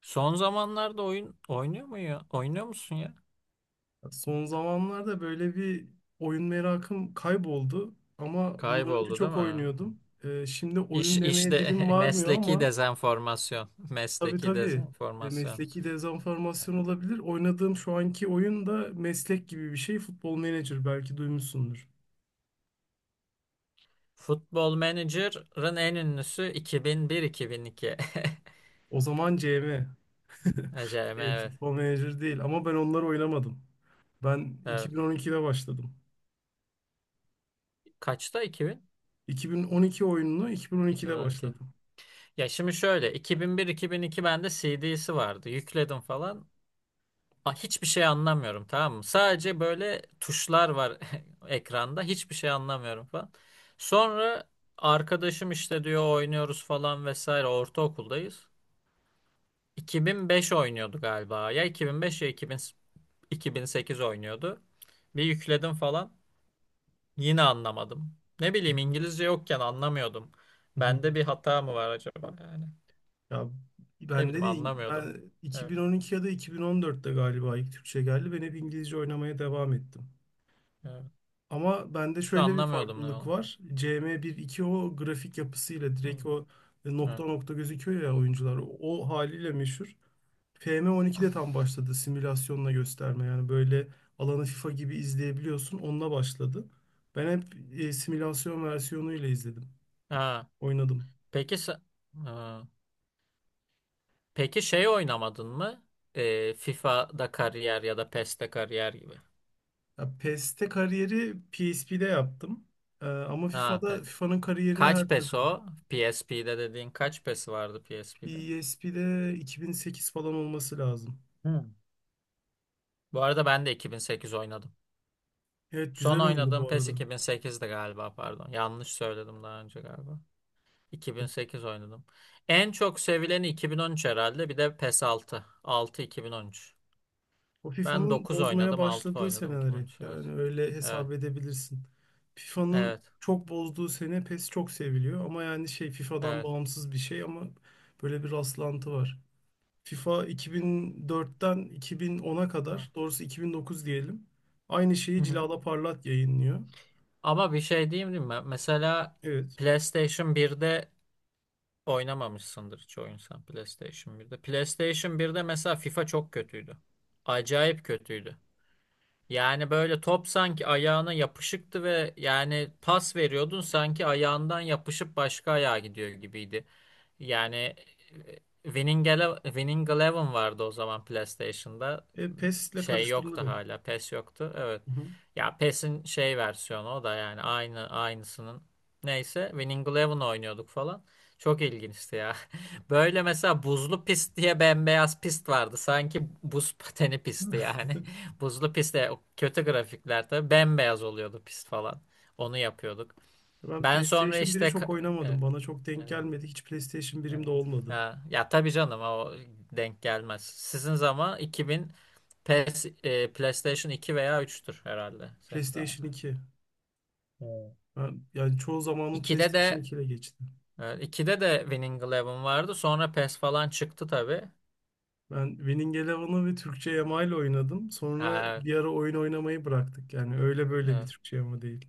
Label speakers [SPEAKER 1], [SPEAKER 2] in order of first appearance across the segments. [SPEAKER 1] Son zamanlarda oyun oynuyor mu ya? Oynuyor musun ya?
[SPEAKER 2] Son zamanlarda böyle bir oyun merakım kayboldu ama bundan önce
[SPEAKER 1] Kayboldu değil
[SPEAKER 2] çok
[SPEAKER 1] mi?
[SPEAKER 2] oynuyordum. Şimdi
[SPEAKER 1] İş
[SPEAKER 2] oyun demeye
[SPEAKER 1] işte
[SPEAKER 2] dilim varmıyor
[SPEAKER 1] mesleki
[SPEAKER 2] ama
[SPEAKER 1] dezenformasyon.
[SPEAKER 2] tabii,
[SPEAKER 1] Mesleki
[SPEAKER 2] tabii,
[SPEAKER 1] dezenformasyon.
[SPEAKER 2] mesleki dezenformasyon olabilir. Oynadığım şu anki oyun da meslek gibi bir şey. Futbol Manager belki duymuşsundur.
[SPEAKER 1] Futbol Manager'ın en ünlüsü 2001-2002.
[SPEAKER 2] O zaman CM.
[SPEAKER 1] Acayip evet.
[SPEAKER 2] Futbol Manager değil ama ben onları oynamadım. Ben
[SPEAKER 1] Evet.
[SPEAKER 2] 2012'de başladım.
[SPEAKER 1] Kaçta 2000?
[SPEAKER 2] 2012 oyununu 2012'de
[SPEAKER 1] 2012.
[SPEAKER 2] başladım.
[SPEAKER 1] Ya şimdi şöyle 2001-2002 bende CD'si vardı. Yükledim falan. Ha, hiçbir şey anlamıyorum tamam mı? Sadece böyle tuşlar var ekranda. Hiçbir şey anlamıyorum falan. Sonra arkadaşım işte diyor oynuyoruz falan vesaire. Ortaokuldayız. 2005 oynuyordu galiba. Ya 2005 ya 2000, 2008 oynuyordu. Bir yükledim falan. Yine anlamadım. Ne bileyim İngilizce yokken anlamıyordum. Bende bir hata mı var acaba yani?
[SPEAKER 2] Ya,
[SPEAKER 1] Ne
[SPEAKER 2] bende
[SPEAKER 1] bileyim
[SPEAKER 2] de
[SPEAKER 1] anlamıyordum.
[SPEAKER 2] ben
[SPEAKER 1] Evet,
[SPEAKER 2] 2012 ya da 2014'te galiba ilk Türkçe geldi. Ben hep İngilizce oynamaya devam ettim.
[SPEAKER 1] evet.
[SPEAKER 2] Ama bende
[SPEAKER 1] Şu
[SPEAKER 2] şöyle bir
[SPEAKER 1] anlamıyordum ne
[SPEAKER 2] farklılık
[SPEAKER 1] oldu.
[SPEAKER 2] var. CM bir iki, o grafik yapısıyla
[SPEAKER 1] Evet.
[SPEAKER 2] direkt o
[SPEAKER 1] Evet.
[SPEAKER 2] nokta nokta gözüküyor ya oyuncular. O haliyle meşhur. FM12'de tam başladı simülasyonla gösterme. Yani böyle alanı FIFA gibi izleyebiliyorsun. Onunla başladı. Ben hep simülasyon versiyonuyla izledim.
[SPEAKER 1] Ha.
[SPEAKER 2] Oynadım.
[SPEAKER 1] Peki se- Ha. Peki şey oynamadın mı? FIFA'da kariyer ya da PES'te kariyer gibi.
[SPEAKER 2] Ya, PES'te kariyeri PSP'de yaptım. Ama
[SPEAKER 1] Ha,
[SPEAKER 2] FIFA'da FIFA'nın kariyerini
[SPEAKER 1] kaç
[SPEAKER 2] her
[SPEAKER 1] PES
[SPEAKER 2] türlü.
[SPEAKER 1] o? PSP'de dediğin kaç PES vardı PSP'de?
[SPEAKER 2] PSP'de 2008 falan olması lazım.
[SPEAKER 1] Hmm. Bu arada ben de 2008 oynadım.
[SPEAKER 2] Evet,
[SPEAKER 1] Son
[SPEAKER 2] güzel oyundu
[SPEAKER 1] oynadığım
[SPEAKER 2] bu
[SPEAKER 1] PES
[SPEAKER 2] arada.
[SPEAKER 1] 2008'di galiba pardon. Yanlış söyledim daha önce galiba. 2008 oynadım. En çok sevileni 2013 herhalde. Bir de PES 6. 6 2013.
[SPEAKER 2] O
[SPEAKER 1] Ben
[SPEAKER 2] FIFA'nın
[SPEAKER 1] 9
[SPEAKER 2] bozmaya
[SPEAKER 1] oynadım, 6
[SPEAKER 2] başladığı
[SPEAKER 1] oynadım
[SPEAKER 2] seneler hep.
[SPEAKER 1] 2013. Evet.
[SPEAKER 2] Yani öyle
[SPEAKER 1] Evet.
[SPEAKER 2] hesap edebilirsin. FIFA'nın
[SPEAKER 1] Evet.
[SPEAKER 2] çok bozduğu sene PES çok seviliyor. Ama yani şey, FIFA'dan bağımsız bir şey ama böyle bir rastlantı var. FIFA 2004'ten 2010'a
[SPEAKER 1] Evet.
[SPEAKER 2] kadar, doğrusu 2009 diyelim. Aynı
[SPEAKER 1] Hı
[SPEAKER 2] şeyi
[SPEAKER 1] hı.
[SPEAKER 2] Cilala Parlat yayınlıyor.
[SPEAKER 1] Ama bir şey diyeyim değil mi? Mesela
[SPEAKER 2] Evet.
[SPEAKER 1] PlayStation birde oynamamışsındır hiç oyun sen PlayStation birde. PlayStation birde mesela FIFA çok kötüydü. Acayip kötüydü. Yani böyle top sanki ayağına yapışıktı ve yani pas veriyordun sanki ayağından yapışıp başka ayağa gidiyor gibiydi. Yani Winning Eleven vardı o zaman PlayStation'da.
[SPEAKER 2] PES ile
[SPEAKER 1] Şey
[SPEAKER 2] karıştırılır
[SPEAKER 1] yoktu
[SPEAKER 2] ya.
[SPEAKER 1] hala. PES yoktu. Evet.
[SPEAKER 2] Hı hı.
[SPEAKER 1] Ya PES'in şey versiyonu o da yani aynı aynısının. Neyse Winning Eleven oynuyorduk falan. Çok ilginçti ya. Böyle mesela buzlu pist diye bembeyaz pist vardı. Sanki buz pateni pisti yani. Buzlu pistte kötü grafikler tabii bembeyaz oluyordu pist falan. Onu yapıyorduk.
[SPEAKER 2] Ben
[SPEAKER 1] Ben sonra
[SPEAKER 2] PlayStation biri
[SPEAKER 1] işte
[SPEAKER 2] çok oynamadım.
[SPEAKER 1] evet,
[SPEAKER 2] Bana çok denk
[SPEAKER 1] evet.
[SPEAKER 2] gelmedi. Hiç PlayStation 1'im de
[SPEAKER 1] Evet.
[SPEAKER 2] olmadı.
[SPEAKER 1] Ha, ya tabii canım o denk gelmez. Sizin zaman 2000 PS, PlayStation 2 veya 3'tür herhalde senin zaman.
[SPEAKER 2] PlayStation 2.
[SPEAKER 1] Evet.
[SPEAKER 2] Ben, yani çoğu zamanım
[SPEAKER 1] 2'de
[SPEAKER 2] PlayStation
[SPEAKER 1] de
[SPEAKER 2] 2 ile geçti.
[SPEAKER 1] 2'de de Winning Eleven vardı. Sonra PES falan çıktı tabii.
[SPEAKER 2] Ben Winning Eleven'ı ve Türkçe Yama ile oynadım. Sonra
[SPEAKER 1] Ha, evet,
[SPEAKER 2] bir ara oyun oynamayı bıraktık. Yani öyle böyle bir
[SPEAKER 1] evet.
[SPEAKER 2] Türkçe Yama değil.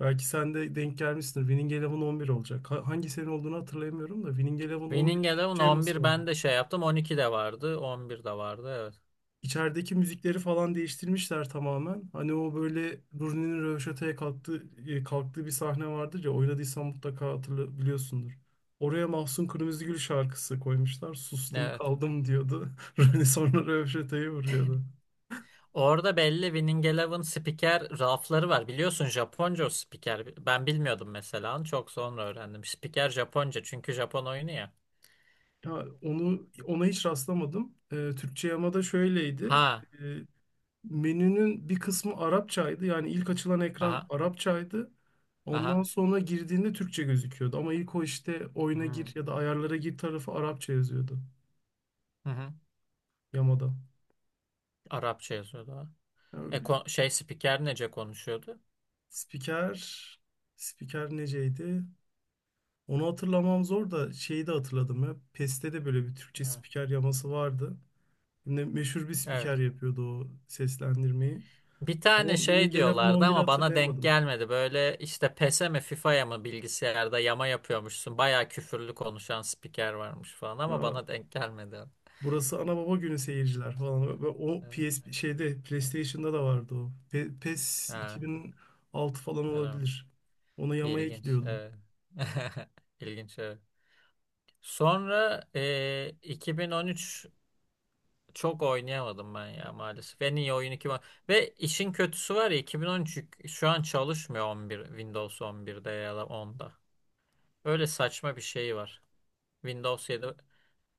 [SPEAKER 2] Belki sen de denk gelmişsindir. Winning Eleven 11 olacak. Hangi sene olduğunu hatırlayamıyorum da Winning Eleven
[SPEAKER 1] Winning
[SPEAKER 2] 11'in
[SPEAKER 1] Eleven
[SPEAKER 2] Türkçe Yaması
[SPEAKER 1] 11
[SPEAKER 2] var.
[SPEAKER 1] ben de şey yaptım. 12 de vardı. 11 de vardı. Evet.
[SPEAKER 2] İçerideki müzikleri falan değiştirmişler tamamen. Hani o böyle Rooney'nin röveşataya kalktığı, kalktığı bir sahne vardır ya, oynadıysan mutlaka hatırla biliyorsundur. Oraya Mahsun Kırmızıgül şarkısı koymuşlar. Sustum
[SPEAKER 1] Evet.
[SPEAKER 2] kaldım diyordu. Rooney sonra röveşatayı vuruyordu.
[SPEAKER 1] Orada belli Winning Eleven spiker rafları var. Biliyorsun Japonca o spiker. Ben bilmiyordum mesela. Çok sonra öğrendim. Spiker Japonca çünkü Japon oyunu ya.
[SPEAKER 2] Ya, onu ona hiç rastlamadım. Türkçe yamada şöyleydi.
[SPEAKER 1] Ha,
[SPEAKER 2] E, Menünün bir kısmı Arapçaydı. Yani ilk açılan ekran
[SPEAKER 1] aha,
[SPEAKER 2] Arapçaydı. Ondan
[SPEAKER 1] aha.
[SPEAKER 2] sonra girdiğinde Türkçe gözüküyordu. Ama ilk o işte oyuna gir
[SPEAKER 1] Hmm,
[SPEAKER 2] ya da ayarlara gir tarafı Arapça yazıyordu
[SPEAKER 1] hı hı.
[SPEAKER 2] yamada.
[SPEAKER 1] Arapça yazıyordu o. E,
[SPEAKER 2] Yani
[SPEAKER 1] şey spiker nece konuşuyordu?
[SPEAKER 2] spiker, spiker neceydi? Onu hatırlamam zor da şeyi de hatırladım ya. PES'te de böyle bir Türkçe
[SPEAKER 1] Hı,
[SPEAKER 2] spiker yaması vardı. Yine meşhur bir
[SPEAKER 1] evet.
[SPEAKER 2] spiker yapıyordu o seslendirmeyi.
[SPEAKER 1] Bir tane
[SPEAKER 2] Ama
[SPEAKER 1] şey
[SPEAKER 2] Winning Eleven
[SPEAKER 1] diyorlardı
[SPEAKER 2] 11'i
[SPEAKER 1] ama bana denk
[SPEAKER 2] hatırlayamadım.
[SPEAKER 1] gelmedi. Böyle işte PES'e mi FIFA'ya mı bilgisayarda yama yapıyormuşsun. Bayağı küfürlü konuşan spiker varmış falan ama
[SPEAKER 2] Ha,
[SPEAKER 1] bana denk gelmedi. Evet,
[SPEAKER 2] burası ana baba günü, seyirciler falan. Ve o
[SPEAKER 1] evet,
[SPEAKER 2] PS şeyde,
[SPEAKER 1] evet.
[SPEAKER 2] PlayStation'da da vardı o. PES
[SPEAKER 1] Ha,
[SPEAKER 2] 2006 falan
[SPEAKER 1] öyle mi?
[SPEAKER 2] olabilir. Onu yamaya
[SPEAKER 1] İlginç.
[SPEAKER 2] ekliyordum.
[SPEAKER 1] Evet. İlginç. Evet. Sonra 2013. Çok oynayamadım ben ya maalesef. En iyi oyun iki var. Ve işin kötüsü var ya 2013, şu an çalışmıyor 11 Windows 11'de ya da 10'da. Öyle saçma bir şey var. Windows 7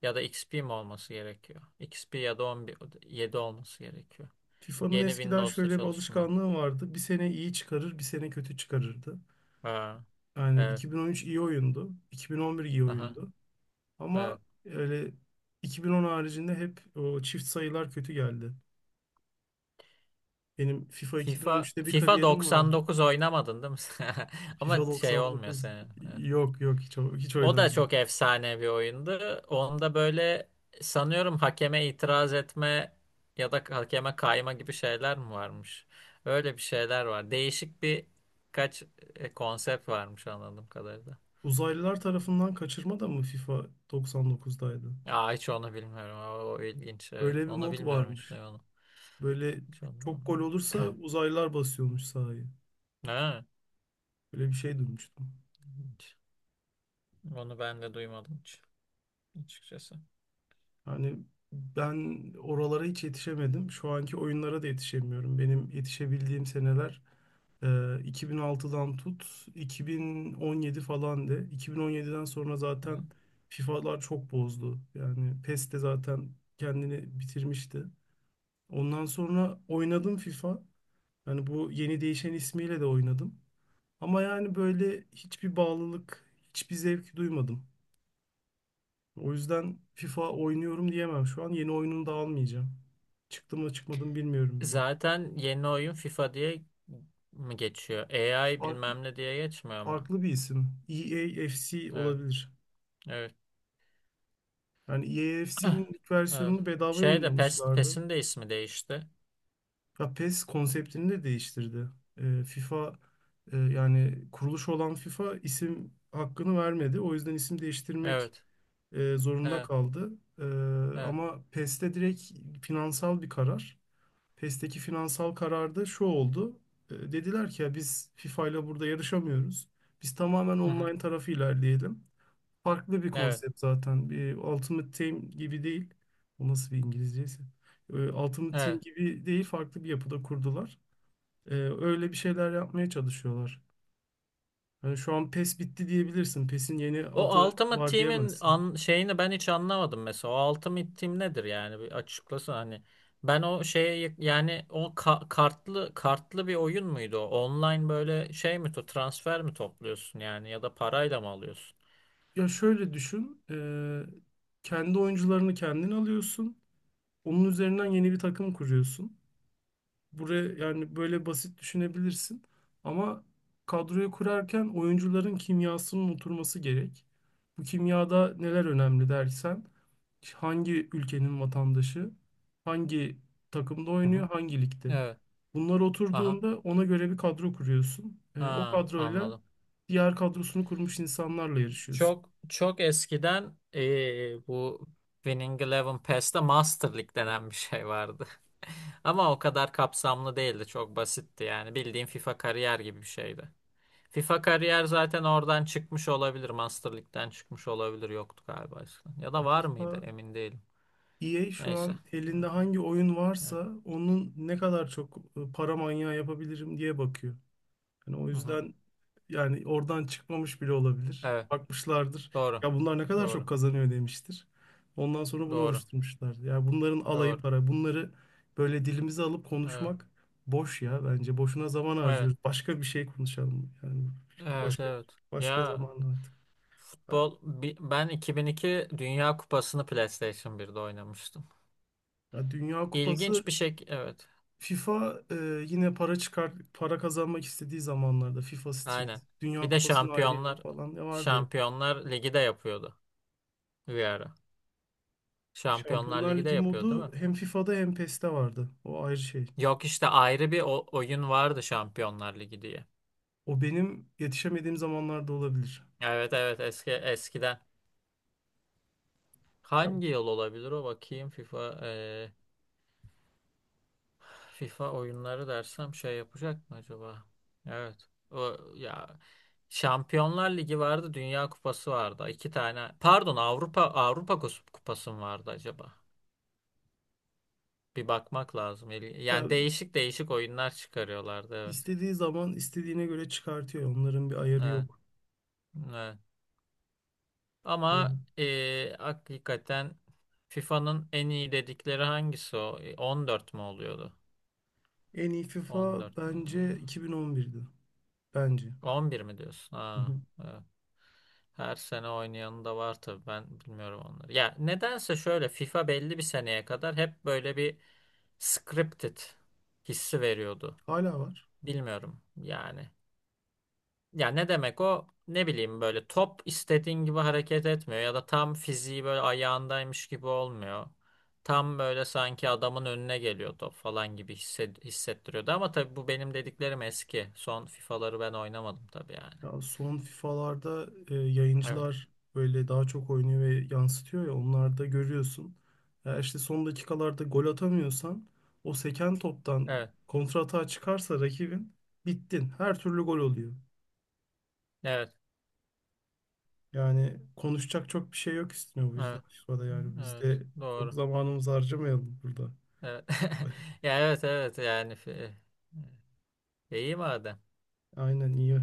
[SPEAKER 1] ya da XP mi olması gerekiyor? XP ya da 11 7 olması gerekiyor.
[SPEAKER 2] FIFA'nın
[SPEAKER 1] Yeni
[SPEAKER 2] eskiden
[SPEAKER 1] Windows'ta
[SPEAKER 2] şöyle bir
[SPEAKER 1] çalışmıyor.
[SPEAKER 2] alışkanlığı vardı. Bir sene iyi çıkarır, bir sene kötü çıkarırdı.
[SPEAKER 1] Ha.
[SPEAKER 2] Yani
[SPEAKER 1] Evet.
[SPEAKER 2] 2013 iyi oyundu, 2011 iyi
[SPEAKER 1] Aha.
[SPEAKER 2] oyundu. Ama
[SPEAKER 1] Evet.
[SPEAKER 2] öyle 2010 haricinde hep o çift sayılar kötü geldi. Benim FIFA
[SPEAKER 1] FIFA
[SPEAKER 2] 2013'te bir
[SPEAKER 1] FIFA
[SPEAKER 2] kariyerim vardı.
[SPEAKER 1] 99 oynamadın değil mi? Ama
[SPEAKER 2] FIFA
[SPEAKER 1] şey olmuyor
[SPEAKER 2] 99,
[SPEAKER 1] senin. Evet.
[SPEAKER 2] yok yok, hiç
[SPEAKER 1] O da
[SPEAKER 2] oynamadım.
[SPEAKER 1] çok efsane bir oyundu. Onda böyle sanıyorum hakeme itiraz etme ya da hakeme kayma gibi şeyler mi varmış? Öyle bir şeyler var. Değişik bir kaç konsept varmış anladığım kadarıyla.
[SPEAKER 2] Uzaylılar tarafından kaçırma da mı FIFA 99'daydı?
[SPEAKER 1] Aa, hiç onu bilmiyorum. Aa, o, ilginç evet.
[SPEAKER 2] Öyle bir
[SPEAKER 1] Onu
[SPEAKER 2] mod
[SPEAKER 1] bilmiyorum hiç
[SPEAKER 2] varmış.
[SPEAKER 1] ne onu.
[SPEAKER 2] Böyle
[SPEAKER 1] Hiç onu.
[SPEAKER 2] çok gol olursa uzaylılar basıyormuş sahayı.
[SPEAKER 1] Ha,
[SPEAKER 2] Böyle bir şey duymuştum.
[SPEAKER 1] ilginç. Onu ben de duymadım hiç açıkçası.
[SPEAKER 2] Yani ben oralara hiç yetişemedim. Şu anki oyunlara da yetişemiyorum. Benim yetişebildiğim seneler 2006'dan tut 2017 falan de. 2017'den sonra
[SPEAKER 1] Hı hı.
[SPEAKER 2] zaten FIFA'lar çok bozdu. Yani PES de zaten kendini bitirmişti. Ondan sonra oynadım FIFA. Hani bu yeni değişen ismiyle de oynadım. Ama yani böyle hiçbir bağlılık, hiçbir zevk duymadım. O yüzden FIFA oynuyorum diyemem. Şu an yeni oyununu da almayacağım. Çıktı mı çıkmadı mı bilmiyorum bile.
[SPEAKER 1] Zaten yeni oyun FIFA diye mi geçiyor? AI
[SPEAKER 2] Farklı,
[SPEAKER 1] bilmem ne diye geçmiyor ama.
[SPEAKER 2] farklı bir isim. EAFC
[SPEAKER 1] Evet.
[SPEAKER 2] olabilir.
[SPEAKER 1] Evet.
[SPEAKER 2] Yani
[SPEAKER 1] Heh,
[SPEAKER 2] EAFC'nin ilk
[SPEAKER 1] evet.
[SPEAKER 2] versiyonunu bedava
[SPEAKER 1] Şey de PES,
[SPEAKER 2] yayınlamışlardı.
[SPEAKER 1] PES'in de ismi değişti.
[SPEAKER 2] Ya PES konseptini de değiştirdi. FIFA, yani kuruluş olan FIFA isim hakkını vermedi. O yüzden isim değiştirmek
[SPEAKER 1] Evet.
[SPEAKER 2] zorunda
[SPEAKER 1] Evet.
[SPEAKER 2] kaldı. E,
[SPEAKER 1] Evet.
[SPEAKER 2] Ama PES'te direkt finansal bir karar. PES'teki finansal kararda şu oldu. Dediler ki ya biz FIFA ile burada yarışamıyoruz. Biz tamamen
[SPEAKER 1] Hı hı.
[SPEAKER 2] online tarafı ilerleyelim. Farklı bir
[SPEAKER 1] Evet.
[SPEAKER 2] konsept zaten. Bir Ultimate Team gibi değil. O nasıl bir İngilizceyse. Ultimate Team
[SPEAKER 1] Evet.
[SPEAKER 2] gibi değil, farklı bir yapıda kurdular. Öyle bir şeyler yapmaya çalışıyorlar. Yani şu an PES bitti diyebilirsin. PES'in yeni
[SPEAKER 1] O
[SPEAKER 2] adı
[SPEAKER 1] Ultimate
[SPEAKER 2] var
[SPEAKER 1] Team'in
[SPEAKER 2] diyemezsin.
[SPEAKER 1] şeyini ben hiç anlamadım mesela. O Ultimate Team nedir yani? Bir açıklasana hani. Ben o şeye yani o kartlı kartlı bir oyun muydu o? Online böyle şey mi to transfer mi topluyorsun yani ya da parayla mı alıyorsun?
[SPEAKER 2] Ya şöyle düşün, kendi oyuncularını kendin alıyorsun, onun üzerinden yeni bir takım kuruyorsun. Buraya yani böyle basit düşünebilirsin ama kadroyu kurarken oyuncuların kimyasının oturması gerek. Bu kimyada neler önemli dersen, hangi ülkenin vatandaşı, hangi takımda
[SPEAKER 1] Hı
[SPEAKER 2] oynuyor,
[SPEAKER 1] hı.
[SPEAKER 2] hangi ligde.
[SPEAKER 1] Evet.
[SPEAKER 2] Bunlar
[SPEAKER 1] Aha.
[SPEAKER 2] oturduğunda ona göre bir kadro kuruyorsun. O
[SPEAKER 1] Ha,
[SPEAKER 2] kadroyla
[SPEAKER 1] anladım.
[SPEAKER 2] diğer kadrosunu kurmuş insanlarla yarışıyorsun.
[SPEAKER 1] Çok çok eskiden bu Winning Eleven Pass'te Master League denen bir şey vardı. Ama o kadar kapsamlı değildi. Çok basitti yani. Bildiğin FIFA kariyer gibi bir şeydi. FIFA kariyer zaten oradan çıkmış olabilir. Master League'den çıkmış olabilir. Yoktu galiba eskiden. Ya da var mıydı?
[SPEAKER 2] FIFA,
[SPEAKER 1] Emin değilim.
[SPEAKER 2] EA şu
[SPEAKER 1] Neyse.
[SPEAKER 2] an elinde
[SPEAKER 1] Evet.
[SPEAKER 2] hangi oyun
[SPEAKER 1] Evet.
[SPEAKER 2] varsa onun ne kadar çok para manyağı yapabilirim diye bakıyor. Yani o
[SPEAKER 1] Hı hı.
[SPEAKER 2] yüzden, yani oradan çıkmamış bile olabilir.
[SPEAKER 1] Evet.
[SPEAKER 2] Bakmışlardır.
[SPEAKER 1] Doğru.
[SPEAKER 2] Ya bunlar ne kadar
[SPEAKER 1] Doğru.
[SPEAKER 2] çok kazanıyor demiştir. Ondan sonra bunu
[SPEAKER 1] Doğru.
[SPEAKER 2] oluşturmuşlar. Ya bunların alayı
[SPEAKER 1] Doğru.
[SPEAKER 2] para. Bunları böyle dilimize alıp
[SPEAKER 1] Evet.
[SPEAKER 2] konuşmak boş ya, bence. Boşuna zaman
[SPEAKER 1] Evet.
[SPEAKER 2] harcıyoruz. Başka bir şey konuşalım. Yani
[SPEAKER 1] Evet.
[SPEAKER 2] başka
[SPEAKER 1] Evet.
[SPEAKER 2] başka
[SPEAKER 1] Ya
[SPEAKER 2] zaman artık.
[SPEAKER 1] Ben 2002 Dünya Kupası'nı PlayStation birde oynamıştım.
[SPEAKER 2] Ya, Dünya Kupası.
[SPEAKER 1] İlginç bir şey. Evet.
[SPEAKER 2] FIFA yine para çıkar para kazanmak istediği zamanlarda FIFA Street,
[SPEAKER 1] Aynen.
[SPEAKER 2] Dünya
[SPEAKER 1] Bir de
[SPEAKER 2] Kupası'nı ayrı yana
[SPEAKER 1] Şampiyonlar
[SPEAKER 2] falan ne vardı hep.
[SPEAKER 1] Şampiyonlar Ligi de yapıyordu bir ara. Şampiyonlar
[SPEAKER 2] Şampiyonlar
[SPEAKER 1] Ligi de
[SPEAKER 2] Ligi
[SPEAKER 1] yapıyor değil
[SPEAKER 2] modu
[SPEAKER 1] mi?
[SPEAKER 2] hem FIFA'da hem PES'te vardı. O ayrı şey.
[SPEAKER 1] Yok işte ayrı bir oyun vardı Şampiyonlar Ligi diye.
[SPEAKER 2] O benim yetişemediğim zamanlarda olabilir.
[SPEAKER 1] Evet, evet, eskiden.
[SPEAKER 2] Ya,
[SPEAKER 1] Hangi yıl olabilir o bakayım FIFA oyunları dersem şey yapacak mı acaba? Evet. O ya Şampiyonlar Ligi vardı, Dünya Kupası vardı. İki tane. Pardon, Avrupa Kupası mı vardı acaba? Bir bakmak lazım.
[SPEAKER 2] ya
[SPEAKER 1] Yani değişik değişik oyunlar çıkarıyorlardı evet.
[SPEAKER 2] istediği zaman istediğine göre çıkartıyor. Onların bir ayarı
[SPEAKER 1] Evet,
[SPEAKER 2] yok.
[SPEAKER 1] evet. Ama
[SPEAKER 2] Böyle.
[SPEAKER 1] hakikaten FIFA'nın en iyi dedikleri hangisi o? E, 14 mü oluyordu?
[SPEAKER 2] En iyi FIFA
[SPEAKER 1] 14 mü?
[SPEAKER 2] bence 2011'di. Bence.
[SPEAKER 1] 11 mi diyorsun?
[SPEAKER 2] Hı
[SPEAKER 1] Ha,
[SPEAKER 2] hı.
[SPEAKER 1] evet. Her sene oynayanı da var tabii ben bilmiyorum onları. Ya nedense şöyle FIFA belli bir seneye kadar hep böyle bir scripted hissi veriyordu.
[SPEAKER 2] Hala var.
[SPEAKER 1] Bilmiyorum yani. Ya ne demek o? Ne bileyim böyle top istediğin gibi hareket etmiyor ya da tam fiziği böyle ayağındaymış gibi olmuyor. Tam böyle sanki adamın önüne geliyor top falan gibi hissettiriyordu. Ama tabii bu benim dediklerim eski. Son FIFA'ları ben oynamadım tabii yani.
[SPEAKER 2] Ya son FIFA'larda
[SPEAKER 1] Evet.
[SPEAKER 2] yayıncılar böyle daha çok oynuyor ve yansıtıyor ya, onlarda görüyorsun. Ya işte son dakikalarda gol atamıyorsan, o seken toptan
[SPEAKER 1] Evet.
[SPEAKER 2] kontratağa çıkarsa rakibin, bittin. Her türlü gol oluyor.
[SPEAKER 1] Evet.
[SPEAKER 2] Yani konuşacak çok bir şey yok, istiyor bu yüzden
[SPEAKER 1] Evet.
[SPEAKER 2] FIFA'da, yani biz
[SPEAKER 1] Evet.
[SPEAKER 2] de çok
[SPEAKER 1] Doğru.
[SPEAKER 2] zamanımızı harcamayalım burada.
[SPEAKER 1] Evet. Ya evet, evet yani iyi madem.
[SPEAKER 2] Aynen, iyi.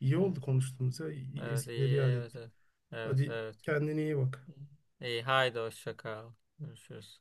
[SPEAKER 2] İyi
[SPEAKER 1] Evet.
[SPEAKER 2] oldu konuştuğumuz ya.
[SPEAKER 1] Evet
[SPEAKER 2] Eskileri
[SPEAKER 1] iyi,
[SPEAKER 2] yad
[SPEAKER 1] evet,
[SPEAKER 2] ettik.
[SPEAKER 1] evet. Evet,
[SPEAKER 2] Hadi
[SPEAKER 1] evet.
[SPEAKER 2] kendine iyi bak.
[SPEAKER 1] İyi haydi hoşça kal. Görüşürüz.